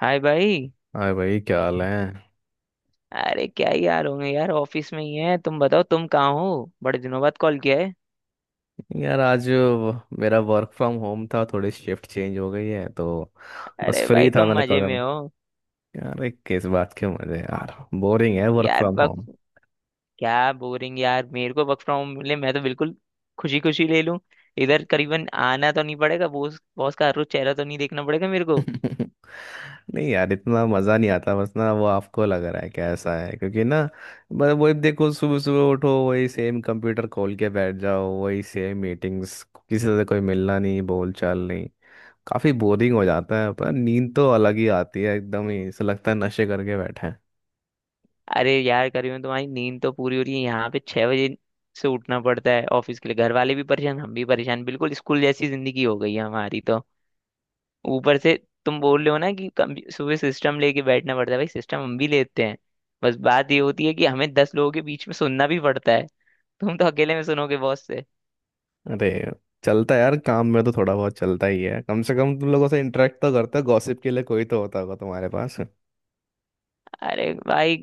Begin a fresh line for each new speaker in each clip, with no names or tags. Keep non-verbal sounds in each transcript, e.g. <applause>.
हाय भाई।
अरे भाई, क्या हाल है।
अरे क्या ही यार, होंगे यार, ऑफिस में ही है। तुम बताओ, तुम कहाँ हो? बड़े दिनों बाद कॉल किया है।
यार आज वो मेरा वर्क फ्रॉम होम था, थोड़ी शिफ्ट चेंज हो गई है तो बस
अरे
फ्री
भाई
था,
तुम
मैंने कहा
मजे
करूं।
में हो?
यार एक किस बात के मजे यार, बोरिंग है वर्क
यार
फ्रॉम
वक्त,
होम।
क्या बोरिंग यार, मेरे को वर्क फ्रॉम मिले मैं तो बिल्कुल खुशी खुशी ले लूं। इधर करीबन आना तो नहीं पड़ेगा, बॉस बॉस का हर रोज चेहरा तो नहीं देखना पड़ेगा मेरे को।
<laughs> नहीं यार, इतना मज़ा नहीं आता। बस ना, वो आपको लग रहा है क्या ऐसा है, क्योंकि ना बस वही देखो, सुबह सुबह उठो, वही सेम कंप्यूटर खोल के बैठ जाओ, वही सेम मीटिंग्स, किसी से कोई मिलना नहीं, बोल चाल नहीं। काफ़ी बोरिंग हो जाता है, पर नींद तो अलग ही आती है, एकदम ही ऐसा लगता है नशे करके बैठे हैं।
अरे यार करीबन तुम्हारी नींद तो पूरी हो रही है, यहाँ पे 6 बजे से उठना पड़ता है ऑफिस के लिए। घर वाले भी परेशान, हम भी परेशान, बिल्कुल स्कूल जैसी जिंदगी हो गई है हमारी तो। ऊपर से तुम बोल रहे हो ना कि सुबह सिस्टम लेके बैठना पड़ता है, भाई सिस्टम हम भी लेते हैं। बस बात ये होती है कि हमें 10 लोगों के बीच में सुनना भी पड़ता है, तुम तो अकेले में सुनोगे बॉस से।
अरे चलता है यार, काम में तो थोड़ा बहुत चलता ही है। कम से कम तुम लोगों से इंटरेक्ट तो करते हो, गॉसिप के लिए कोई तो होता होगा तुम्हारे पास।
अरे भाई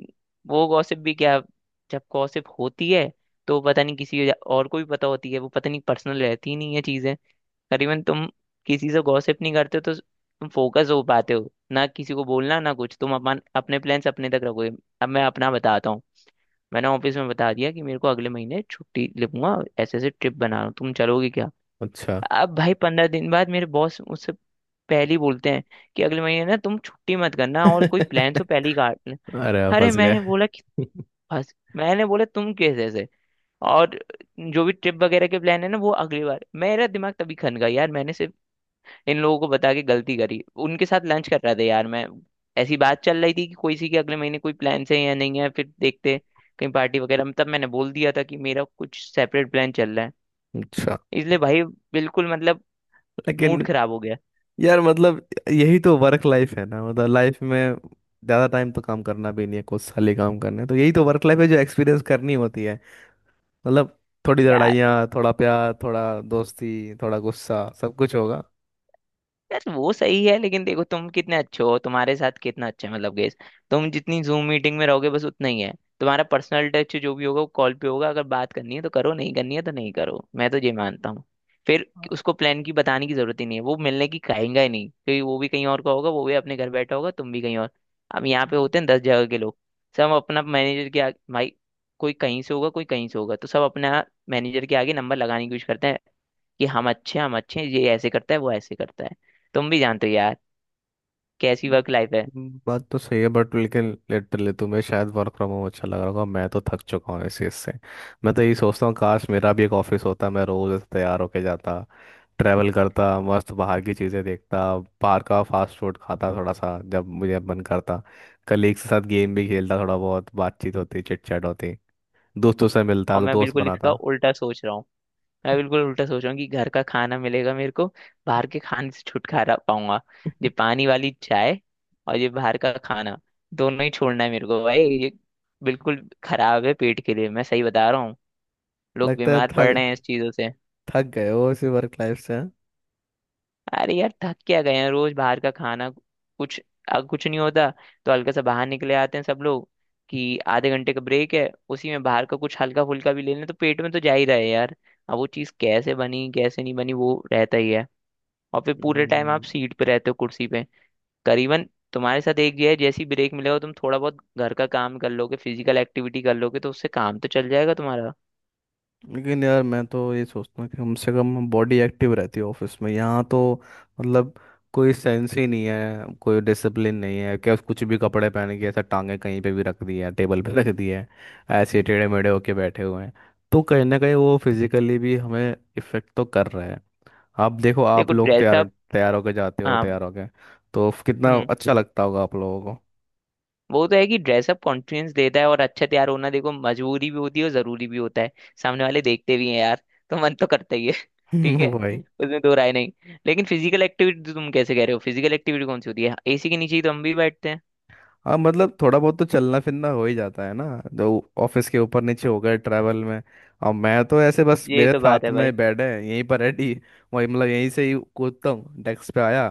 वो गॉसिप भी क्या, जब गॉसिप होती है तो पता नहीं किसी और को भी पता होती है, वो पता नहीं पर्सनल रहती ही नहीं है चीजें। करीबन तुम किसी से गॉसिप नहीं करते हो तो तुम फोकस हो पाते हो ना, किसी को बोलना ना कुछ, तुम अपन अपने प्लान्स अपने तक रखोगे। अब मैं अपना बताता हूँ। मैंने ऑफिस में बता दिया कि मेरे को अगले महीने छुट्टी लूंगा, ऐसे ऐसे ट्रिप बना रहा हूँ, तुम चलोगे क्या?
अच्छा।
अब भाई 15 दिन बाद मेरे बॉस मुझसे पहले ही बोलते हैं कि अगले महीने ना तुम छुट्टी मत करना, और कोई
<laughs>
प्लान हो पहले ही काट लें।
अरे आप
अरे
फंस गए।
मैंने बोला कि, बस मैंने बोला तुम कैसे ऐसे, और जो भी ट्रिप वगैरह के प्लान है ना, वो अगली बार। मेरा दिमाग तभी खन गया यार। मैंने सिर्फ इन लोगों को बता के गलती करी, उनके साथ लंच कर रहा था यार मैं, ऐसी बात चल रही थी कि कोई सी के अगले महीने कोई प्लान है या नहीं है, फिर देखते कहीं पार्टी वगैरह में, तब मैंने बोल दिया था कि मेरा कुछ सेपरेट प्लान चल रहा है।
अच्छा।
इसलिए भाई, बिल्कुल मतलब मूड
लेकिन
खराब हो गया
यार मतलब यही तो वर्क लाइफ है ना, मतलब लाइफ में ज़्यादा टाइम तो काम करना भी नहीं है, कुछ साल ही काम करना है, तो यही तो वर्क लाइफ है जो एक्सपीरियंस करनी होती है। मतलब थोड़ी
यार।
लड़ाइयाँ, थोड़ा प्यार, थोड़ा दोस्ती, थोड़ा गुस्सा, सब कुछ होगा।
यार वो सही है, लेकिन देखो तुम कितने अच्छे हो, तुम्हारे साथ कितना अच्छा है, मतलब गेस। तुम जितनी जूम मीटिंग में रहोगे बस उतना ही है, तुम्हारा पर्सनल टच जो भी होगा वो कॉल पे होगा। अगर बात करनी है तो करो, नहीं करनी है तो नहीं करो, मैं तो ये मानता हूँ। फिर उसको प्लान की बताने की जरूरत ही नहीं है, वो मिलने की कहेंगे ही नहीं क्योंकि वो भी कहीं और का होगा, वो भी अपने घर बैठा होगा, तुम भी कहीं और। अब यहाँ पे होते हैं 10 जगह के लोग, सब अपना मैनेजर के आगे भाई, कोई कहीं से होगा, कोई कहीं से होगा, तो सब अपना मैनेजर के आगे नंबर लगाने की कोशिश करते हैं कि हम अच्छे हैं, ये ऐसे करता है, वो ऐसे करता है। तुम भी जानते हो यार कैसी वर्क लाइफ है।
बात तो सही है बट लेकिन लिटरली तुम्हें शायद वर्क फ्रॉम होम अच्छा लग रहा होगा, मैं तो थक चुका हूँ इस चीज़ से। मैं तो यही सोचता हूँ काश मेरा भी एक ऑफिस होता, मैं रोज ऐसे तैयार होके जाता, ट्रैवल करता, मस्त बाहर की चीज़ें देखता, बाहर का फास्ट फूड खाता थोड़ा सा जब मुझे मन करता, कलीग्स के साथ गेम भी खेलता, थोड़ा बहुत बातचीत होती, चिट चैट होती, दोस्तों से मिलता,
और मैं
दोस्त
बिल्कुल इसका
बनाता।
उल्टा सोच रहा हूँ, मैं बिल्कुल उल्टा सोच रहा हूँ, कि घर का खाना मिलेगा मेरे को, बाहर के खाने से छुटकारा पाऊंगा। ये
<laughs>
पानी वाली चाय और ये बाहर का खाना दोनों ही छोड़ना है मेरे को भाई, ये बिल्कुल खराब है पेट के लिए, मैं सही बता रहा हूँ, लोग
लगता है
बीमार पड़
थक
रहे हैं इस चीजों से।
थक गए हो इसी वर्क लाइफ से हाँ?
अरे यार थक क्या गए हैं, रोज बाहर का खाना, कुछ अब कुछ नहीं होता तो हल्का सा बाहर निकले आते हैं सब लोग, कि आधे घंटे का ब्रेक है उसी में बाहर का कुछ हल्का फुल्का भी ले लें, तो पेट में तो जा ही रहा है यार। अब वो चीज़ कैसे बनी कैसे नहीं बनी वो रहता ही है। और फिर पूरे टाइम आप
हम्म,
सीट पे रहते हो, कुर्सी पे। करीबन तुम्हारे साथ एक ये है, जैसे ही ब्रेक मिलेगा तुम थोड़ा बहुत घर का काम कर लोगे, फिजिकल एक्टिविटी कर लोगे, तो उससे काम तो चल जाएगा तुम्हारा।
लेकिन यार मैं तो ये सोचता हूँ कि कम से कम बॉडी एक्टिव रहती है ऑफिस में। यहाँ तो मतलब कोई सेंस ही नहीं है, कोई डिसिप्लिन नहीं है, क्या कुछ भी कपड़े पहन के, ऐसा टांगे कहीं पे भी रख दी है, टेबल पे <laughs> रख दी है, ऐसे टेढ़े मेढ़े होके बैठे हुए हैं। तो कहीं ना कहीं वो फिजिकली भी हमें इफेक्ट तो कर रहा है। आप देखो आप
देखो
लोग तैयार,
ड्रेसअप,
तैयार होके जाते हो,
हाँ।
तैयार होके तो कितना
हम्म,
अच्छा लगता होगा आप लोगों को।
वो तो है कि ड्रेसअप कॉन्फिडेंस देता है, और अच्छा तैयार होना देखो मजबूरी भी होती है और जरूरी भी होता है, सामने वाले देखते भी हैं यार, तो मन तो करता ही है। <laughs> ठीक है,
<laughs> भाई
उसमें दो राय नहीं। लेकिन फिजिकल एक्टिविटी तुम कैसे कह रहे हो, फिजिकल एक्टिविटी कौन सी होती है, एसी के नीचे ही तो हम भी बैठते हैं।
हाँ मतलब थोड़ा बहुत तो चलना फिरना हो ही जाता है ना, तो ऑफिस के ऊपर नीचे हो गए ट्रैवल में। और मैं तो ऐसे बस,
ये
मेरे
तो बात
साथ
है भाई।
में बेड है यहीं पर रेडी, वही मतलब यहीं से ही कूदता हूँ, डेस्क पे आया,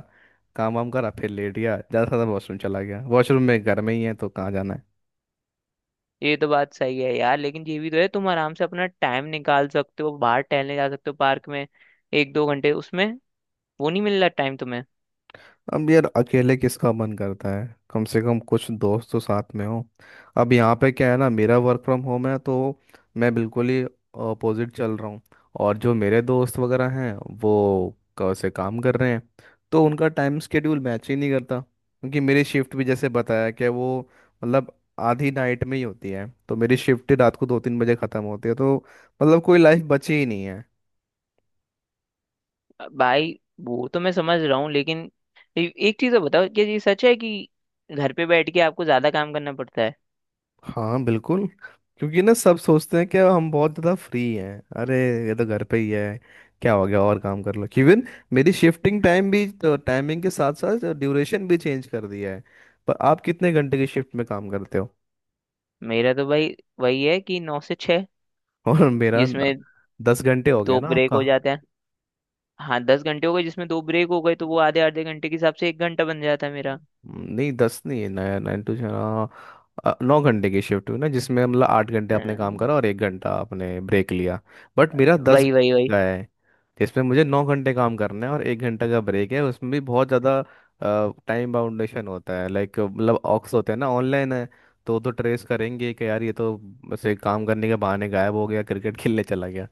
काम वाम करा, फिर लेट गया, ज़्यादा से ज़्यादा वॉशरूम चला गया, वॉशरूम में घर में ही है तो कहाँ जाना है।
ये तो बात सही है यार, लेकिन ये भी तो है, तुम आराम से अपना टाइम निकाल सकते हो, बाहर टहलने जा सकते हो पार्क में, एक दो घंटे उसमें, वो नहीं मिल रहा टाइम तुम्हें?
अब यार अकेले किसका मन करता है, कम से कम कुछ दोस्त तो साथ में हो। अब यहाँ पे क्या है ना, मेरा वर्क फ्रॉम होम है तो मैं बिल्कुल ही अपोजिट चल रहा हूँ, और जो मेरे दोस्त वगैरह हैं वो से काम कर रहे हैं, तो उनका टाइम स्केड्यूल मैच ही नहीं करता, क्योंकि मेरी शिफ्ट भी जैसे बताया कि वो मतलब आधी नाइट में ही होती है, तो मेरी शिफ्ट रात को दो तीन बजे ख़त्म होती है, तो मतलब कोई लाइफ बची ही नहीं।
भाई वो तो मैं समझ रहा हूँ, लेकिन एक चीज़ तो बताओ, क्या ये सच है कि घर पे बैठ के आपको ज्यादा काम करना पड़ता है?
हाँ बिल्कुल, क्योंकि ना सब सोचते हैं कि हम बहुत ज़्यादा फ्री हैं। अरे ये तो घर पे ही है, क्या हो गया और काम कर लो। इवन मेरी शिफ्टिंग टाइम भी, तो टाइमिंग के साथ साथ ड्यूरेशन भी चेंज कर दिया है। पर आप कितने घंटे की शिफ्ट में काम करते हो?
मेरा तो भाई वही है कि 9 से 6,
<laughs> और मेरा न-
जिसमें
दस घंटे हो गया
दो
ना
ब्रेक
आपका।
हो जाते हैं। हाँ 10 घंटे हो गए, जिसमें दो ब्रेक हो गए तो वो आधे आधे घंटे के हिसाब से 1 घंटा बन जाता है मेरा।
नहीं दस नहीं है, नया नाइन टू, हाँ, नौ घंटे की शिफ्ट हुई ना, जिसमें मतलब आठ घंटे आपने काम
अम्म,
करा और एक घंटा आपने ब्रेक लिया। बट मेरा दस
वही वही
घंटे
वही।
का है, इसमें मुझे नौ घंटे काम करना है और एक घंटे का ब्रेक है, उसमें भी बहुत ज़्यादा टाइम बाउंडेशन होता है। लाइक मतलब ऑक्स होते हैं ना ऑनलाइन है, तो ट्रेस करेंगे कि यार ये तो ऐसे काम करने के बहाने गायब हो गया, क्रिकेट खेलने चला गया।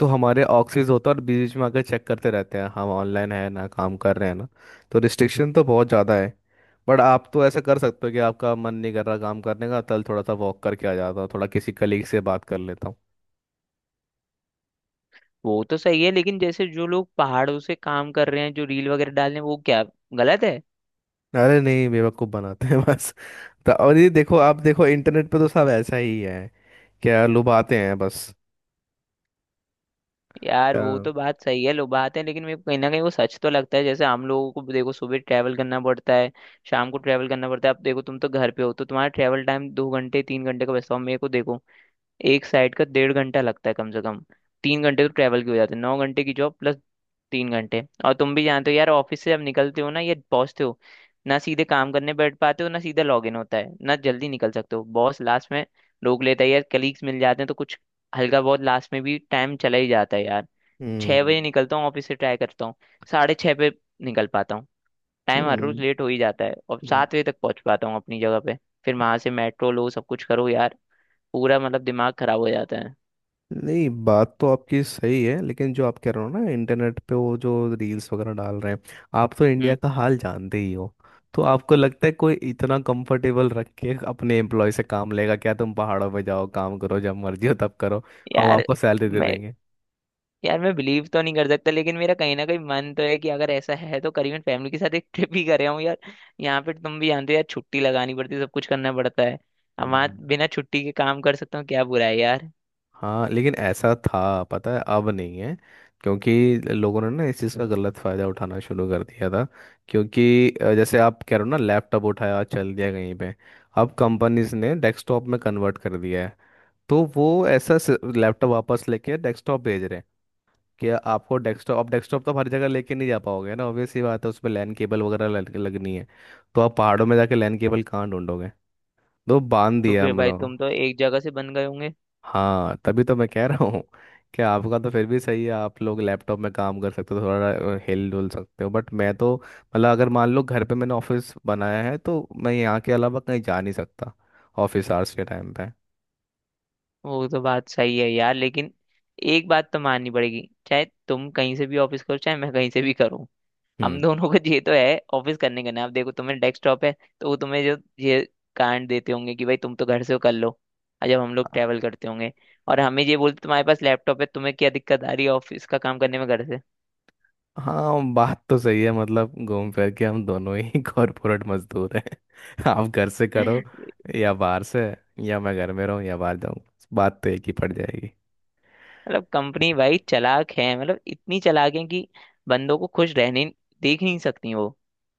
तो हमारे ऑक्सीज होता है, और बीच में आकर चेक करते रहते हैं हम ऑनलाइन है ना, काम कर रहे हैं ना। तो रिस्ट्रिक्शन तो बहुत ज़्यादा है। बट आप तो ऐसा कर सकते हो कि आपका मन नहीं कर रहा काम करने का, तल थोड़ा सा वॉक करके आ जाता हूँ, थोड़ा किसी कलीग से बात कर लेता हूँ।
वो तो सही है, लेकिन जैसे जो लोग पहाड़ों से काम कर रहे हैं, जो रील वगैरह डाल रहे हैं वो क्या गलत है?
अरे नहीं, बेवकूफ़ बनाते हैं। और ये देखो, आप देखो इंटरनेट पे तो सब ऐसा ही है, क्या लुभाते हैं बस।
यार वो
हाँ।
तो बात सही है, लो बात है, लेकिन मेरे को कहीं ना कहीं वो सच तो लगता है। जैसे हम लोगों को देखो सुबह ट्रैवल करना पड़ता है, शाम को ट्रैवल करना पड़ता है। अब देखो तुम तो घर पे हो तो तुम्हारा ट्रैवल टाइम 2 घंटे 3 घंटे का बचता हो, मेरे को देखो एक साइड का 1.5 घंटा लगता है कम से कम, 3 घंटे तो ट्रैवल के हो जाते हैं। 9 घंटे की जॉब प्लस 3 घंटे। और तुम भी जानते हो यार ऑफिस से जब निकलते हो ना, ये पहुंचते हो, ना सीधे काम करने बैठ पाते हो, ना सीधा लॉग इन होता है, ना जल्दी निकल सकते हो, बॉस लास्ट में रोक लेता है यार, कलीग्स मिल जाते हैं तो कुछ हल्का बहुत लास्ट में भी टाइम चला ही जाता है यार। 6 बजे
हम्म।
निकलता हूँ ऑफिस से, ट्राई करता हूँ 6:30 पे निकल पाता हूँ, टाइम हर
हम्म।
रोज लेट हो ही जाता है, और
हम्म।
7 बजे तक पहुंच पाता हूँ अपनी जगह पे। फिर वहां से मेट्रो लो सब कुछ करो यार, पूरा मतलब दिमाग खराब हो जाता है।
नहीं बात तो आपकी सही है, लेकिन जो आप कह रहे हो ना इंटरनेट पे वो जो रील्स वगैरह डाल रहे हैं, आप तो इंडिया
हम्म।
का हाल जानते ही हो, तो आपको लगता है कोई इतना कंफर्टेबल रख के अपने एम्प्लॉय से काम लेगा क्या, तुम पहाड़ों पे जाओ, काम करो, जब मर्जी हो तब करो, हम
यार
आपको सैलरी दे
मैं,
देंगे।
यार मैं बिलीव तो नहीं कर सकता, लेकिन मेरा कहीं ना कहीं मन तो है कि अगर ऐसा है तो करीबन फैमिली के साथ एक ट्रिप ही करे हूँ यार। यहाँ पे तुम भी जानते हो यार छुट्टी लगानी पड़ती है, सब कुछ करना पड़ता है। अब वहाँ
हम्म।
बिना छुट्टी के काम कर सकता हूँ, क्या बुरा है यार?
हाँ लेकिन ऐसा था पता है, अब नहीं है, क्योंकि लोगों ने ना इस चीज़ का गलत फ़ायदा उठाना शुरू कर दिया था। क्योंकि जैसे आप कह रहे हो ना, लैपटॉप उठाया चल दिया कहीं पे। अब कंपनीज ने डेस्कटॉप में कन्वर्ट कर दिया है, तो वो ऐसा लैपटॉप वापस लेके डेस्कटॉप भेज रहे हैं। कि आपको डेस्कटॉप, अब डेस्कटॉप तो आप हर जगह लेके नहीं जा पाओगे ना, ऑब्वियस सी बात है, उसमें लैन केबल वगैरह लगनी है, तो आप पहाड़ों में जाके लैन केबल कहाँ ढूंढोगे। तो बांध
तो
दिया
फिर
हम
भाई
लोग।
तुम तो एक जगह से बन गए होंगे।
हाँ तभी तो मैं कह रहा हूँ कि आपका तो फिर भी सही है, आप लोग लैपटॉप में काम कर सकते हो, थोड़ा हिल डुल सकते हो, बट मैं तो मतलब अगर मान लो घर पे मैंने ऑफिस बनाया है, तो मैं यहाँ के अलावा कहीं जा नहीं सकता ऑफिस आवर्स के टाइम पे।
वो तो बात सही है यार, लेकिन एक बात तो माननी पड़ेगी, चाहे तुम कहीं से भी ऑफिस करो, चाहे मैं कहीं से भी करूँ, हम
हम्म।
दोनों को <laughs> ये तो है ऑफिस करने का ना। अब देखो तुम्हें डेस्कटॉप है तो वो तुम्हें जो ये कांड देते होंगे कि भाई तुम तो घर से हो, कर लो। और जब हम लोग ट्रैवल करते होंगे और हमें ये बोलते तुम्हारे पास लैपटॉप है, तुम्हें क्या दिक्कत आ रही है ऑफिस का काम करने में घर से?
हाँ बात तो सही है, मतलब घूम फिर के हम दोनों ही <laughs> कॉरपोरेट मजदूर हैं। <laughs> आप घर से करो
<laughs>
या बाहर से, या मैं घर में रहूँ या बाहर जाऊँ, बात तो एक ही पड़ जाएगी।
मतलब कंपनी भाई चालाक है, मतलब इतनी चालाक है कि बंदों को खुश रहने देख नहीं सकती वो।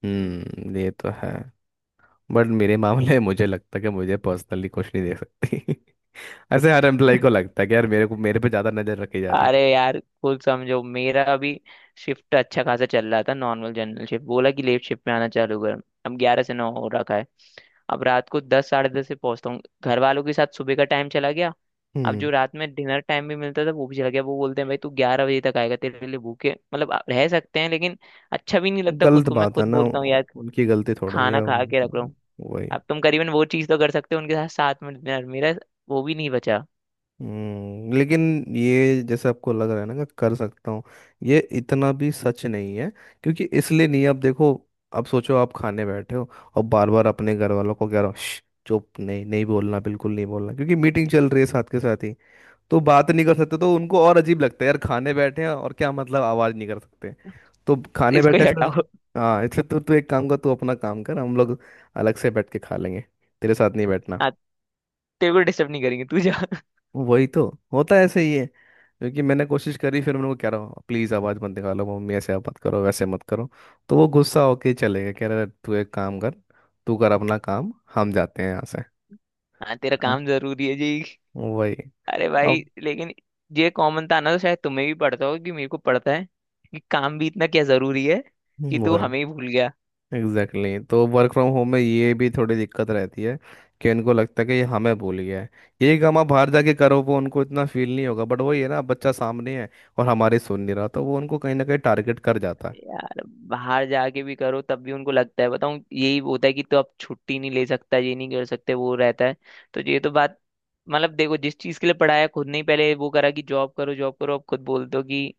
ये तो है, बट मेरे मामले में मुझे लगता है कि मुझे पर्सनली कुछ नहीं दे सकती। <laughs> ऐसे हर एम्प्लॉय को लगता है कि यार मेरे को, मेरे पे ज्यादा नजर रखी जा रही है।
अरे यार कुल समझो, मेरा अभी शिफ्ट अच्छा खासा चल रहा था नॉर्मल जनरल शिफ्ट, बोला कि लेट शिफ्ट में आना चालू कर, अब 11 से 9 हो रखा है। अब रात को 10, 10:30 से पहुंचता हूँ, घर वालों के साथ सुबह का टाइम चला गया। अब
हम्म।
जो रात में डिनर टाइम भी मिलता था वो भी चला गया, वो बोलते हैं भाई तू 11 बजे तक आएगा, तेरे लिए भूखे, मतलब आप रह सकते हैं लेकिन अच्छा भी नहीं लगता, खुद
गलत
को मैं
बात है
खुद
ना,
बोलता हूँ यार
उनकी गलती थोड़ी है,
खाना खा के रख रहा हूँ।
वही।
अब तुम करीबन वो चीज़ तो कर सकते हो, उनके साथ साथ में डिनर, मेरा वो भी नहीं बचा।
लेकिन ये जैसे आपको लग रहा है ना कि कर सकता हूँ, ये इतना भी सच नहीं है, क्योंकि इसलिए नहीं है, आप देखो। अब सोचो आप खाने बैठे हो और बार बार अपने घर वालों को कह रहे हो "श्श, चुप, नहीं नहीं बोलना, बिल्कुल नहीं बोलना, क्योंकि मीटिंग चल रही है साथ के साथ ही", तो बात नहीं कर सकते, तो उनको और अजीब लगता है यार, खाने बैठे हैं और क्या मतलब आवाज नहीं कर सकते। तो खाने
इसको ही
बैठे फिर,
हटाओ,
हाँ इसलिए तो, तू एक काम कर, तू अपना काम कर, हम लोग अलग से बैठ के खा लेंगे, तेरे साथ नहीं बैठना।
हाँ, तेरे को डिस्टर्ब नहीं करेंगे तू जा,
वही तो होता है, ऐसे ही है, क्योंकि मैंने कोशिश करी, फिर उनको कह रहा हूँ प्लीज़ आवाज़ मत निकालो, मम्मी ऐसे आप मत करो, वैसे मत करो, तो वो गुस्सा होके चले गए, कह रहे तू एक काम कर, तू कर अपना काम, हम जाते हैं यहाँ से।
हाँ तेरा काम
हाँ।
जरूरी है जी।
वही।
अरे भाई
अब
लेकिन ये कॉमन था ना, तो शायद तुम्हें भी पड़ता होगा कि मेरे को पड़ता है कि काम भी इतना क्या जरूरी है कि तू
वही
हमें ही भूल गया?
Exactly exactly। तो वर्क फ्रॉम होम में ये भी थोड़ी दिक्कत रहती है कि उनको लगता है कि ये हमें भूल गया है। यही काम आप बाहर जाके करो, वो उनको इतना फील नहीं होगा, बट वही है ना बच्चा सामने है और हमारे सुन नहीं रहा, तो वो उनको कहीं ना कहीं टारगेट कर जाता है।
यार बाहर जाके भी करो तब भी उनको लगता है, बताऊं यही होता है, कि तो अब छुट्टी नहीं ले सकता, ये नहीं कर सकते, वो रहता है। तो ये तो बात, मतलब देखो जिस चीज के लिए पढ़ाया खुद, नहीं पहले वो करा कि जॉब करो जॉब करो, अब खुद बोलते हो कि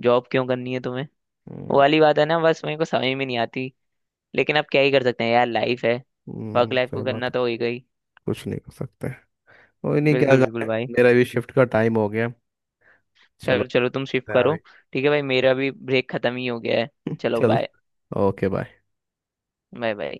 जॉब क्यों करनी है तुम्हें? वो
हम्म।
वाली बात है ना, बस मेरे को समझ में नहीं आती। लेकिन अब क्या ही कर सकते हैं यार, लाइफ है, वर्क लाइफ
सही
को
बात
करना
है।
तो होगा ही।
कुछ नहीं कर सकते, कोई नहीं, क्या
बिल्कुल बिल्कुल
करें।
भाई,
मेरा भी शिफ्ट का टाइम हो गया, चलो
चलो चलो तुम शिफ्ट
करते हैं
करो।
अभी।
ठीक है भाई मेरा भी ब्रेक खत्म ही हो गया है।
<laughs>
चलो
चल,
bye.
Okay bye.
Bye bye.